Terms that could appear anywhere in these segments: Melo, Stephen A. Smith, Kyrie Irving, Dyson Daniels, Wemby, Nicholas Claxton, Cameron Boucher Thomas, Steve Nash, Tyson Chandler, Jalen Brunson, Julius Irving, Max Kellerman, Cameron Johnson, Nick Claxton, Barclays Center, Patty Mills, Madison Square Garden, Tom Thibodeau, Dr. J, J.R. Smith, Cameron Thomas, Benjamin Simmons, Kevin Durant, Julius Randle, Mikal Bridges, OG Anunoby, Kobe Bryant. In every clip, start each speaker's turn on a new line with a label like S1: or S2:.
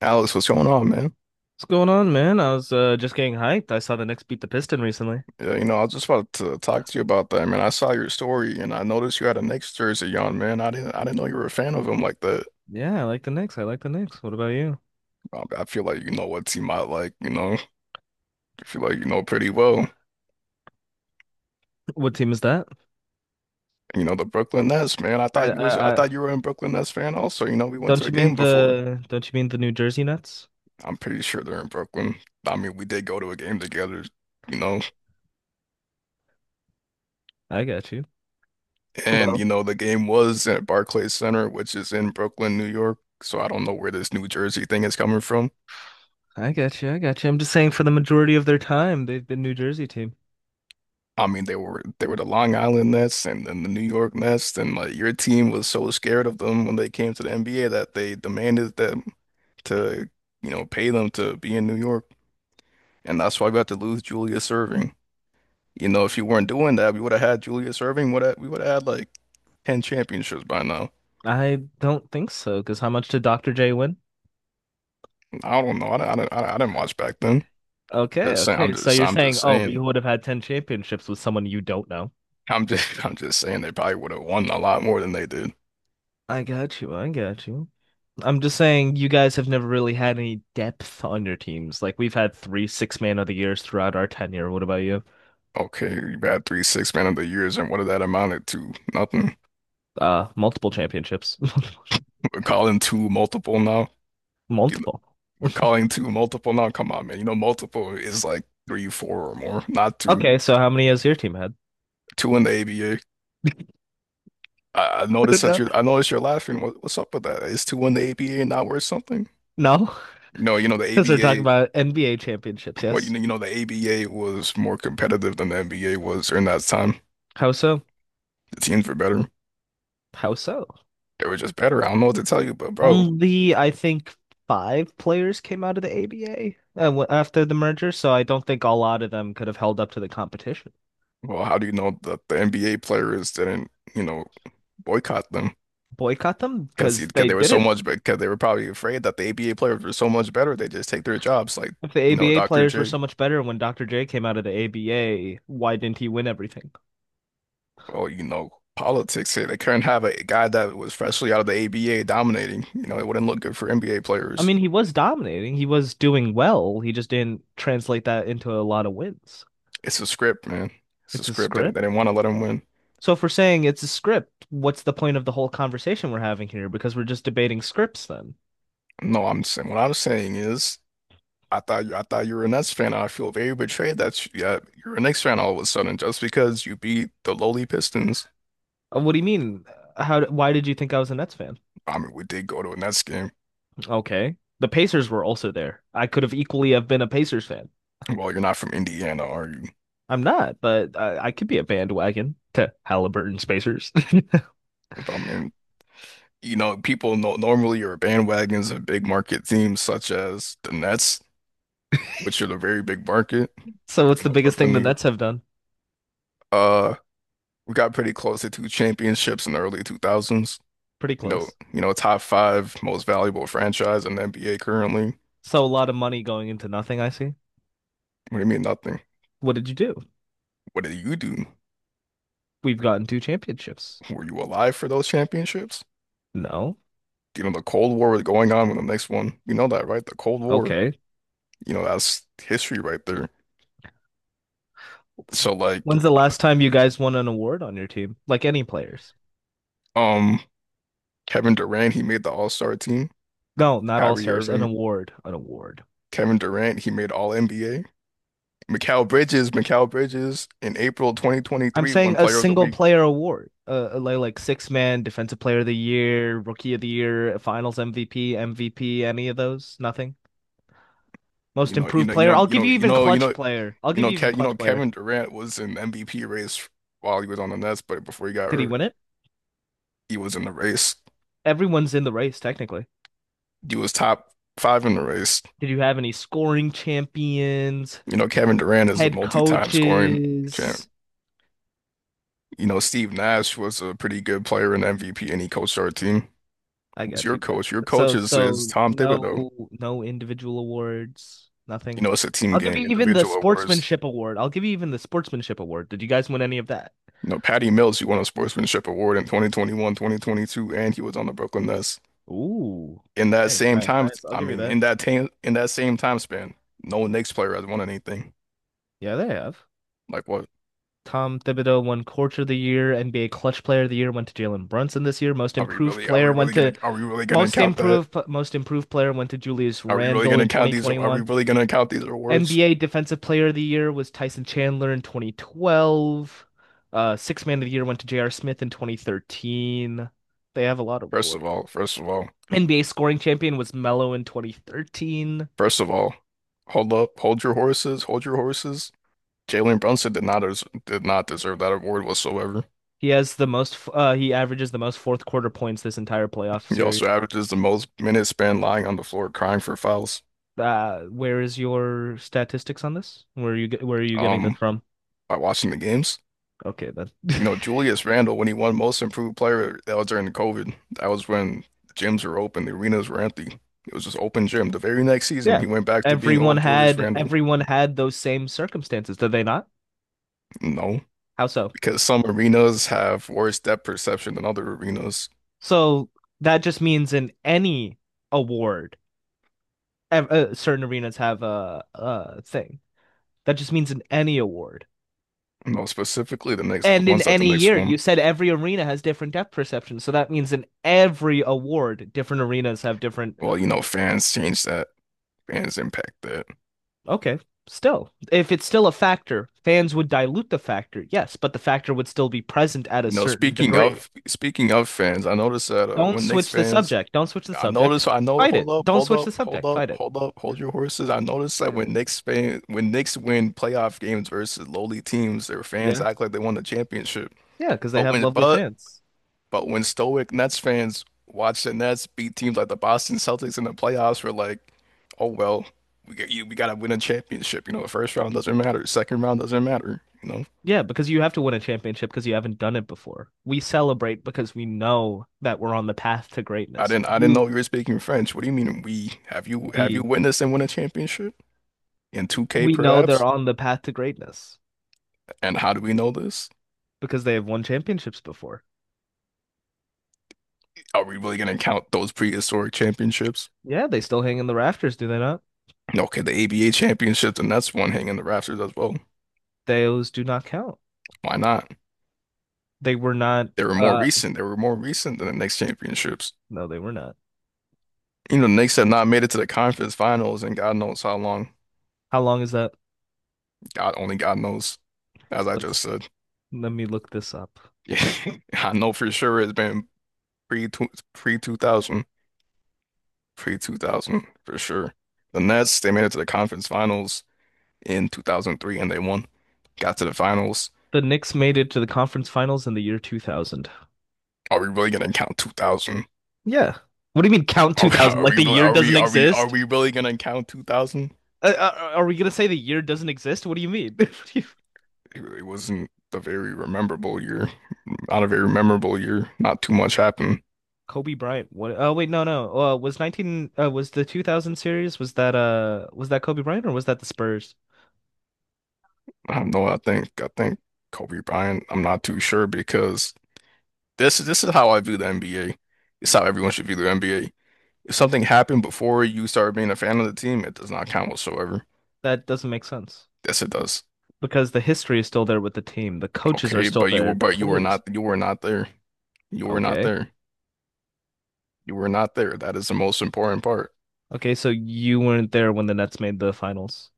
S1: Alex, what's going on, man?
S2: What's going on, man? I was just getting hyped. I saw the Knicks beat the Piston recently.
S1: Yeah, I was just about to talk to you about that, man. I saw your story and I noticed you had a Knicks jersey on, man. I didn't know you were a fan of him like that.
S2: Yeah, I like the Knicks. I like the Knicks. What about you?
S1: I feel like you know what team I like. I feel like you know pretty well.
S2: What team is that?
S1: You know the Brooklyn Nets, man.
S2: I,
S1: I
S2: I, I
S1: thought you were a Brooklyn Nets fan also. We went to
S2: don't
S1: a
S2: you mean
S1: game before.
S2: the don't you mean the New Jersey Nets?
S1: I'm pretty sure they're in Brooklyn. I mean, we did go to a game together, you know.
S2: I got you.
S1: And
S2: Well,
S1: the game was at Barclays Center, which is in Brooklyn, New York. So I don't know where this New Jersey thing is coming from.
S2: I got you. I got you. I'm just saying for the majority of their time, they've been New Jersey team.
S1: I mean, they were the Long Island Nets and then the New York Nets, and like your team was so scared of them when they came to the NBA that they demanded them to, pay them to be in New York, and that's why we had to lose Julius Irving. If you weren't doing that, we would have had Julius Irving. Would we would have had like 10 championships by now.
S2: I don't think so, because how much did Dr. J win?
S1: I don't know. I didn't watch back then.
S2: Okay,
S1: Just saying. I'm
S2: okay. So
S1: just
S2: you're
S1: I'm
S2: saying,
S1: just
S2: oh, we
S1: saying.
S2: would have had 10 championships with someone you don't know.
S1: I'm just I'm just saying they probably would have won a lot more than they did.
S2: I got you. I got you. I'm just saying you guys have never really had any depth on your teams. Like we've had three six man of the years throughout our tenure. What about you?
S1: Okay, you had three six man of the years, and what did that amounted to? Nothing.
S2: Multiple championships.
S1: We're calling two multiple now.
S2: Multiple.
S1: We're calling two multiple now. Come on, man. Multiple is like three, four or more, not two.
S2: Okay, so how many has your team had?
S1: Two in the ABA. I, I noticed that you're, I noticed you're laughing. What's up with that? Is two in the ABA not worth something?
S2: No.
S1: You know, you know,
S2: Because we're
S1: the
S2: talking
S1: ABA,
S2: about NBA championships,
S1: what you
S2: yes?
S1: know, you know, the ABA was more competitive than the NBA was during that time.
S2: How so?
S1: The teams were better.
S2: How so?
S1: They were just better. I don't know what to tell you, but bro,
S2: Only I think five players came out of the ABA after the merger, so I don't think a lot of them could have held up to the competition.
S1: well, how do you know that the NBA players didn't, boycott them?
S2: Boycott them
S1: because
S2: because
S1: because
S2: they
S1: they were
S2: did
S1: so
S2: not.
S1: much, because they were probably afraid that the ABA players were so much better, they just take their jobs. Like
S2: If the ABA
S1: Dr.
S2: players were so
S1: J,
S2: much better when Dr. J came out of the ABA, why didn't he win everything?
S1: well, politics here. They couldn't have a guy that was freshly out of the ABA dominating. It wouldn't look good for NBA
S2: I
S1: players.
S2: mean, he was dominating, he was doing well, he just didn't translate that into a lot of wins.
S1: It's a script, man. It's a
S2: It's a
S1: script that they
S2: script.
S1: didn't want to let him win.
S2: So if we're saying it's a script, what's the point of the whole conversation we're having here? Because we're just debating scripts then.
S1: No, I'm saying what I'm saying is. I thought you were a Nets fan. I feel very betrayed that yeah, you're a Knicks fan all of a sudden just because you beat the lowly Pistons.
S2: What do you mean? Why did you think I was a Nets fan?
S1: I mean, we did go to a Nets game.
S2: Okay. The Pacers were also there. I could have equally have been a Pacers fan.
S1: Well, you're not from Indiana, are you?
S2: I'm not, but I could be a bandwagon to Halliburton Spacers.
S1: I mean, people no normally are bandwagons of big market teams such as the Nets, which are the very big market,
S2: So what's the biggest
S1: Brooklyn,
S2: thing the
S1: New York.
S2: Nets have done?
S1: Uh, we got pretty close to two championships in the early 2000s.
S2: Pretty
S1: You know,
S2: close.
S1: you know, top five most valuable franchise in the NBA currently.
S2: So a lot of money going into nothing, I see.
S1: What do you mean nothing?
S2: What did you do?
S1: What did you do?
S2: We've gotten two championships.
S1: Were you alive for those championships?
S2: No.
S1: The Cold War was going on when the next one. You know that, right? The Cold War.
S2: Okay.
S1: That's history right there. So like,
S2: When's the last time you guys won an award on your team? Like any players?
S1: um, Kevin Durant, he made the All-Star team.
S2: No, not all
S1: Kyrie
S2: stars. An
S1: Irving,
S2: award. An award.
S1: Kevin Durant, he made All NBA. Mikal Bridges in April
S2: I'm
S1: 2023,
S2: saying
S1: one
S2: a
S1: player of the
S2: single
S1: week.
S2: player award. Like six man, defensive player of the year, rookie of the year, finals MVP, MVP, any of those? Nothing. Most improved player. I'll give you
S1: You
S2: even
S1: know, you
S2: clutch
S1: know,
S2: player. I'll
S1: you
S2: give
S1: know,
S2: you
S1: Ke
S2: even
S1: you know,
S2: clutch player.
S1: Kevin Durant was in MVP race while he was on the Nets, but before he got
S2: Did he
S1: hurt,
S2: win it?
S1: he was in the race.
S2: Everyone's in the race technically.
S1: He was top five in the race.
S2: Did you have any scoring champions,
S1: Kevin Durant is a
S2: head
S1: multi-time scoring champ.
S2: coaches?
S1: Steve Nash was a pretty good player and MVP, and he coached our team.
S2: I
S1: Who's
S2: got
S1: your
S2: you, but
S1: coach? Your coach
S2: so
S1: is
S2: so
S1: Tom Thibodeau.
S2: no individual awards,
S1: You
S2: nothing.
S1: know, it's a team
S2: I'll give
S1: game.
S2: you even the
S1: Individual awards.
S2: sportsmanship award. I'll give you even the sportsmanship award. Did you guys win any of that?
S1: No, Patty Mills, he won a sportsmanship award in 2021, 2022, and he was on the Brooklyn Nets.
S2: Ooh,
S1: In that
S2: nice,
S1: same
S2: nice,
S1: time,
S2: nice. I'll
S1: I
S2: give you
S1: mean,
S2: that.
S1: in that time, in that same time span, no Knicks player has won anything.
S2: Yeah, they have.
S1: Like, what?
S2: Tom Thibodeau won Coach of the Year, NBA Clutch Player of the Year went to Jalen Brunson this year. Most
S1: Are we
S2: Improved
S1: really? Are we
S2: Player
S1: really
S2: went
S1: gonna?
S2: to
S1: Are we really gonna
S2: Most
S1: count that?
S2: Improved Most Improved Player went to Julius
S1: Are we really
S2: Randle
S1: gonna
S2: in
S1: count these? Are we
S2: 2021.
S1: really gonna count these awards?
S2: NBA Defensive Player of the Year was Tyson Chandler in 2012. Sixth Man of the Year went to J.R. Smith in 2013. They have a lot of
S1: First of
S2: awards.
S1: all, first of all,
S2: NBA scoring champion was Melo in 2013.
S1: first of all, hold up, hold your horses. Jalen Brunson did not deserve that award whatsoever.
S2: He averages the most fourth quarter points this entire playoff
S1: He also
S2: series.
S1: averages the most minutes spent lying on the floor crying for fouls.
S2: Where is your statistics on this? Where are you getting this
S1: Um.
S2: from?
S1: By watching the games.
S2: Okay, then.
S1: You know, Julius Randle, when he won Most Improved Player, that was during COVID. That was when the gyms were open, the arenas were empty. It was just open gym. The very next season,
S2: Yeah.
S1: he went back to being
S2: Everyone
S1: old Julius
S2: had,
S1: Randle.
S2: everyone had those same circumstances, did they not?
S1: No,
S2: How so?
S1: because some arenas have worse depth perception than other arenas.
S2: So that just means in any award, certain arenas have a thing. That just means in any award.
S1: Specifically, the next, the
S2: And in
S1: ones that the
S2: any
S1: next
S2: year, you
S1: one.
S2: said every arena has different depth perceptions. So that means in every award, different arenas have different.
S1: Well, fans change that. Fans impact that.
S2: Okay, still. If it's still a factor, fans would dilute the factor, yes, but the factor would still be present at a
S1: You know,
S2: certain
S1: speaking
S2: degree.
S1: of speaking of fans, I noticed that
S2: Don't
S1: when Knicks
S2: switch the
S1: fans.
S2: subject. Don't switch the
S1: I
S2: subject.
S1: noticed. I know.
S2: Fight
S1: Hold
S2: it.
S1: up.
S2: Don't
S1: Hold
S2: switch the
S1: up. Hold
S2: subject.
S1: up.
S2: Fight it.
S1: Hold up. Hold your horses. I noticed that when Knicks win playoff games versus lowly teams, their fans
S2: Yeah.
S1: act like they won the championship.
S2: Yeah, because they
S1: But
S2: have
S1: when
S2: lovely
S1: but
S2: fans.
S1: but when stoic Nets fans watch the Nets beat teams like the Boston Celtics in the playoffs, we're like, oh well, we get you. We gotta win a championship. The first round doesn't matter. Second round doesn't matter. You know,
S2: Yeah, because you have to win a championship because you haven't done it before. We celebrate because we know that we're on the path to
S1: I
S2: greatness.
S1: didn't. I didn't know you were speaking French. What do you mean we? Have you
S2: We,
S1: witnessed and won a championship in 2K
S2: we know they're
S1: perhaps?
S2: on the path to greatness
S1: And how do we know this?
S2: because they have won championships before.
S1: Are we really gonna count those prehistoric championships?
S2: Yeah, they still hang in the rafters, do they not?
S1: No, okay, the ABA championships, and that's one hanging in the rafters as well.
S2: Those do not count.
S1: Why not?
S2: They were not,
S1: They were more
S2: uh,
S1: recent. They were more recent than the Knicks championships.
S2: no, they were not.
S1: The Knicks have not made it to the conference finals and God knows how long.
S2: How long is that?
S1: God only God knows, as I
S2: Let's,
S1: just said.
S2: Let me look this up.
S1: Yeah, I know for sure it's been pre pre two thousand, pre 2000 for sure. The Nets, they made it to the conference finals in 2003 and they won. Got to the finals.
S2: The Knicks made it to the conference finals in the year 2000.
S1: Are we really gonna count 2000?
S2: Yeah. What do you mean count 2000? Like the year
S1: Are
S2: doesn't
S1: we are we are
S2: exist?
S1: we really gonna count 2000?
S2: Are we gonna say the year doesn't exist? What do you mean?
S1: It really wasn't a very memorable year. Not a very memorable year. Not too much happened.
S2: Kobe Bryant. What? Oh wait, no, no. Was the 2000 series, was that Kobe Bryant or was that the Spurs?
S1: I don't know. I think Kobe Bryant. I'm not too sure because this is how I view the NBA. It's how everyone should view the NBA. If something happened before you started being a fan of the team, it does not count whatsoever.
S2: That doesn't make sense
S1: Yes, it does.
S2: because the history is still there with the team. The coaches are
S1: Okay, but
S2: still there, the
S1: you were
S2: players.
S1: not you were not there. You were not
S2: Okay.
S1: there. You were not there. That is the most important part.
S2: Okay, so you weren't there when the Nets made the finals.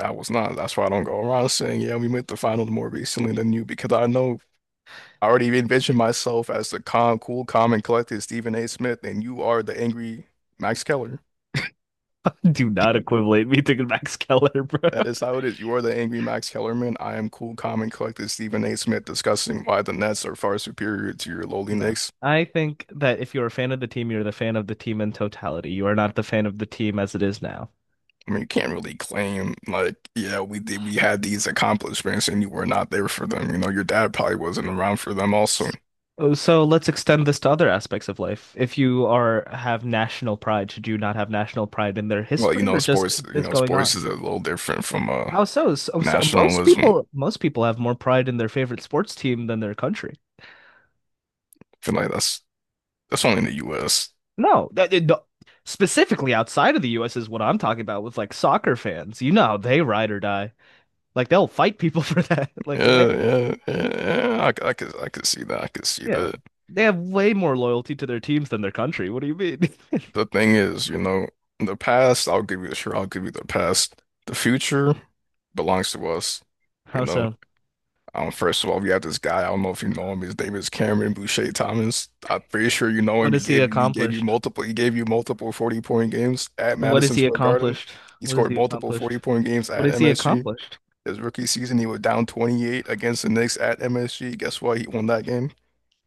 S1: I was not. That's why I don't go around saying, yeah, we made the finals more recently than you, because I know I already envision myself as the cool, calm, and collected Stephen A. Smith, and you are the angry Max Keller.
S2: Do not equivalent me to Max Keller, bro.
S1: That is how it is. You are the angry Max Kellerman. I am cool, calm, and collected Stephen A. Smith discussing why the Nets are far superior to your lowly
S2: No.
S1: Knicks.
S2: I think that if you're a fan of the team, you're the fan of the team in totality. You are not the fan of the team as it is now.
S1: I mean, you can't really claim like, yeah, we had these accomplishments and you were not there for them. Your dad probably wasn't around for them also.
S2: S- oh, So let's extend this to other aspects of life. If you are have national pride, should you not have national pride in their
S1: Well, you
S2: history
S1: know,
S2: or just
S1: sports, you
S2: this
S1: know,
S2: going
S1: sports
S2: on?
S1: is a little different from
S2: How so? So, most
S1: nationalism. I
S2: people most people have more pride in their favorite sports team than their country.
S1: feel like that's only in the U.S.
S2: No, that, it- no- Specifically outside of the US is what I'm talking about with like soccer fans. You know how they ride or die. Like they'll fight people for that. Like
S1: Yeah,
S2: they
S1: yeah, yeah, yeah. I could see that. I could see
S2: Yeah.
S1: that.
S2: They have way more loyalty to their teams than their country. What do you mean?
S1: The thing is, the past, I'll give you sure, I'll give you the past. The future belongs to us, you
S2: How
S1: know.
S2: so?
S1: First of all, we have this guy. I don't know if you know him. His name is Cameron Boucher Thomas. I'm pretty sure you know
S2: What
S1: him. He
S2: has he
S1: gave you he gave you
S2: accomplished?
S1: multiple he gave you multiple 40 point games at
S2: And what has
S1: Madison
S2: he
S1: Square Garden.
S2: accomplished?
S1: He
S2: What has
S1: scored
S2: he
S1: multiple 40
S2: accomplished?
S1: point games
S2: What
S1: at
S2: has he
S1: MSG.
S2: accomplished?
S1: His rookie season, he was down 28 against the Knicks at MSG. Guess what? He won that game,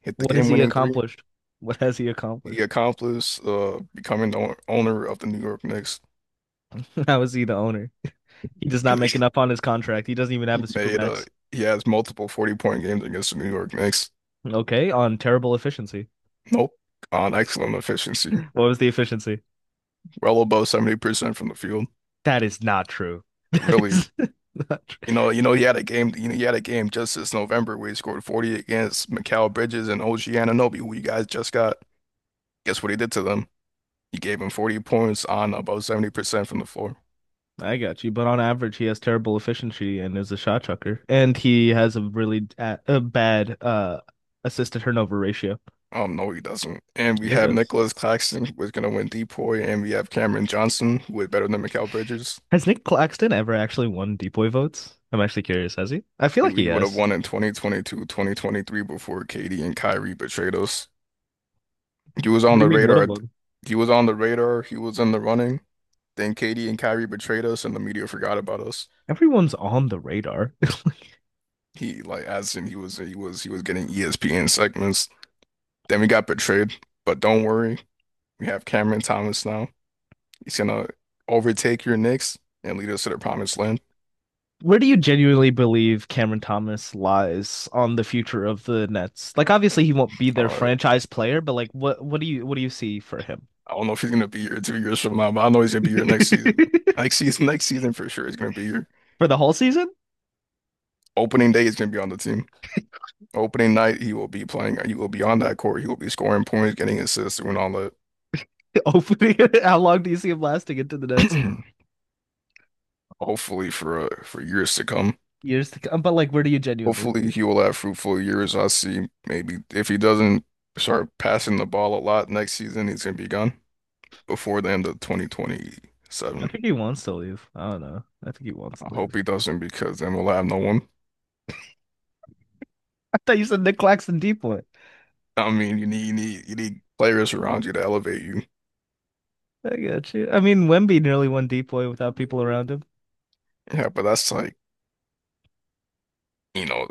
S1: hit the
S2: What has he
S1: game-winning three.
S2: accomplished? What has he
S1: He
S2: accomplished?
S1: accomplished becoming the owner of the New York Knicks
S2: How is he the owner? He does not
S1: because
S2: make enough on his contract. He doesn't even have
S1: he
S2: a
S1: made
S2: supermax.
S1: he has multiple 40-point games against the New York Knicks.
S2: Okay, on terrible efficiency.
S1: Nope, on excellent efficiency,
S2: What was the efficiency?
S1: well above 70% from the field.
S2: That is not true. That
S1: Really,
S2: is not true.
S1: he had a game. He had a game just this November where he scored 40 against Mikal Bridges and OG Anunoby, who you guys just got. Guess what he did to them? He gave him 40 points on about 70% from the floor.
S2: I got you, but on average, he has terrible efficiency and is a shot chucker, and he has a really a bad assist turnover ratio.
S1: No, he doesn't. And we
S2: He
S1: have
S2: does.
S1: Nicholas Claxton, who is going to win DPOY, and we have Cameron Johnson, who is better than Mikal Bridges.
S2: Has Nick Claxton ever actually won deep boy votes? I'm actually curious, has he? I
S1: He,
S2: feel like he
S1: he would have
S2: has.
S1: won in 2022, 2023 before KD and Kyrie betrayed us. He was on
S2: What do you
S1: the
S2: mean, would have
S1: radar.
S2: won?
S1: He was on the radar. He was in the running. Then KD and Kyrie betrayed us, and the media forgot about us.
S2: Everyone's on the radar.
S1: He like, as in he was getting ESPN segments. Then we got betrayed. But don't worry, we have Cameron Thomas now. He's gonna overtake your Knicks and lead us to the promised land.
S2: Where do you genuinely believe Cameron Thomas lies on the future of the Nets? Like obviously he won't be their
S1: All right.
S2: franchise player, but like what do you see for him?
S1: I don't know if he's gonna be here 2 years from now, but I know he's gonna be here next season. Next season, next season for sure, he's gonna be here.
S2: For the whole season?
S1: Opening day, he's gonna be on the team. Opening night, he will be playing. He will be on that court. He will be scoring points, getting assists, doing all that.
S2: Opening How long do you see him lasting into the Nets?
S1: Hopefully for years to come.
S2: Years to come. But like where do you genuinely see
S1: Hopefully
S2: it?
S1: he will have fruitful years. I see. Maybe if he doesn't start passing the ball a lot next season, he's gonna be gone before the end of
S2: I
S1: 2027.
S2: think he wants to leave. I don't know. I think he wants
S1: I
S2: to
S1: hope
S2: leave.
S1: he doesn't because then we'll have no one.
S2: I thought you said Nick Claxton deep boy.
S1: I mean, you need players around you to elevate you.
S2: I got you. I mean, Wemby nearly won DPOY without people around him.
S1: Yeah, but that's like, you know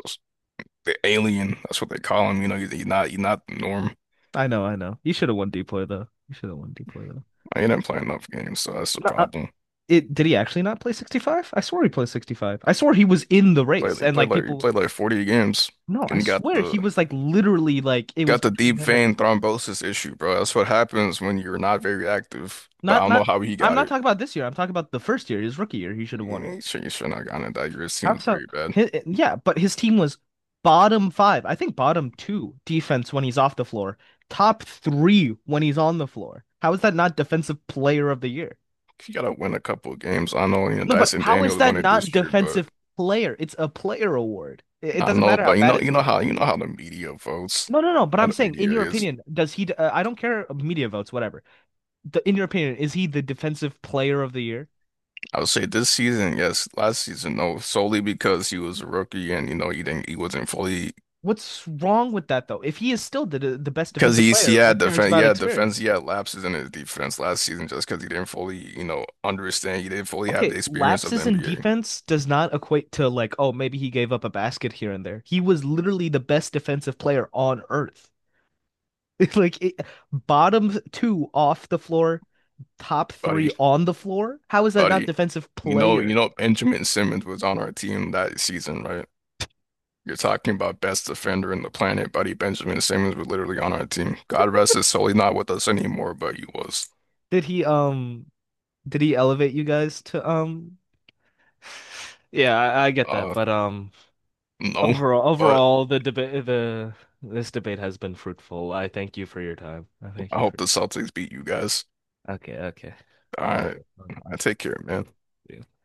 S1: the alien. That's what they call him. You're not the norm.
S2: I know, I know. You should have won DPOY though. You should have won DPOY though.
S1: I ain't playing enough games, so that's the
S2: No,
S1: problem.
S2: it did he actually not play 65? I swore he played 65. I swore he was in the
S1: Play
S2: race and like
S1: he
S2: people.
S1: played like 40 games
S2: No,
S1: and
S2: I
S1: he
S2: swear he was like literally like it was
S1: got the
S2: between
S1: deep
S2: him and
S1: vein thrombosis issue, bro. That's what happens when you're not very active. But I
S2: not,
S1: don't know
S2: not,
S1: how he
S2: I'm
S1: got
S2: not
S1: it.
S2: talking about this year. I'm talking about the first year, his rookie year. He should have won it.
S1: He should not gotten it that year. His team
S2: How
S1: was
S2: so?
S1: very bad.
S2: Yeah, but his team was bottom five. I think bottom two defense when he's off the floor, top three when he's on the floor. How is that not defensive player of the year?
S1: You gotta win a couple of games. I know,
S2: No, but
S1: Dyson
S2: how is
S1: Daniels won
S2: that
S1: it
S2: not
S1: this year, but.
S2: defensive player? It's a player award. It
S1: I
S2: doesn't
S1: know,
S2: matter how
S1: but
S2: bad his team
S1: you
S2: is.
S1: know how the media votes,
S2: No, no, no. But
S1: how
S2: I'm
S1: the
S2: saying, in
S1: media
S2: your
S1: is.
S2: opinion, does he? I don't care. Media votes, whatever. In your opinion, is he the defensive player of the year?
S1: I would say this season, yes, last season, no, solely because he was a rookie and he wasn't fully
S2: What's wrong with that though? If he is still the best
S1: because
S2: defensive
S1: he
S2: player,
S1: had
S2: what cares
S1: defense,
S2: about
S1: yeah, defense,
S2: experience?
S1: he had lapses in his defense last season just because he didn't fully, understand, he didn't fully have the
S2: Okay,
S1: experience of the
S2: lapses in
S1: NBA,
S2: defense does not equate to like, oh, maybe he gave up a basket here and there. He was literally the best defensive player on earth. It's Like it, Bottom two off the floor, top three
S1: buddy,
S2: on the floor. How is that not
S1: buddy.
S2: defensive player?
S1: Benjamin Simmons was on our team that season, right? You're talking about best defender in the planet, buddy. Benjamin Simmons was literally on our team. God rest his soul. He's not with us anymore, but he was.
S2: Did he um did he elevate you guys to— Yeah, I get that,
S1: Uh,
S2: but um
S1: no.
S2: overall
S1: But
S2: overall the debate, the this debate has been fruitful. I thank you for your time. I
S1: I
S2: thank you
S1: hope
S2: for
S1: the Celtics beat you guys.
S2: Okay, okay.
S1: All
S2: I'll
S1: right.
S2: do.
S1: I take care, man.
S2: Yeah.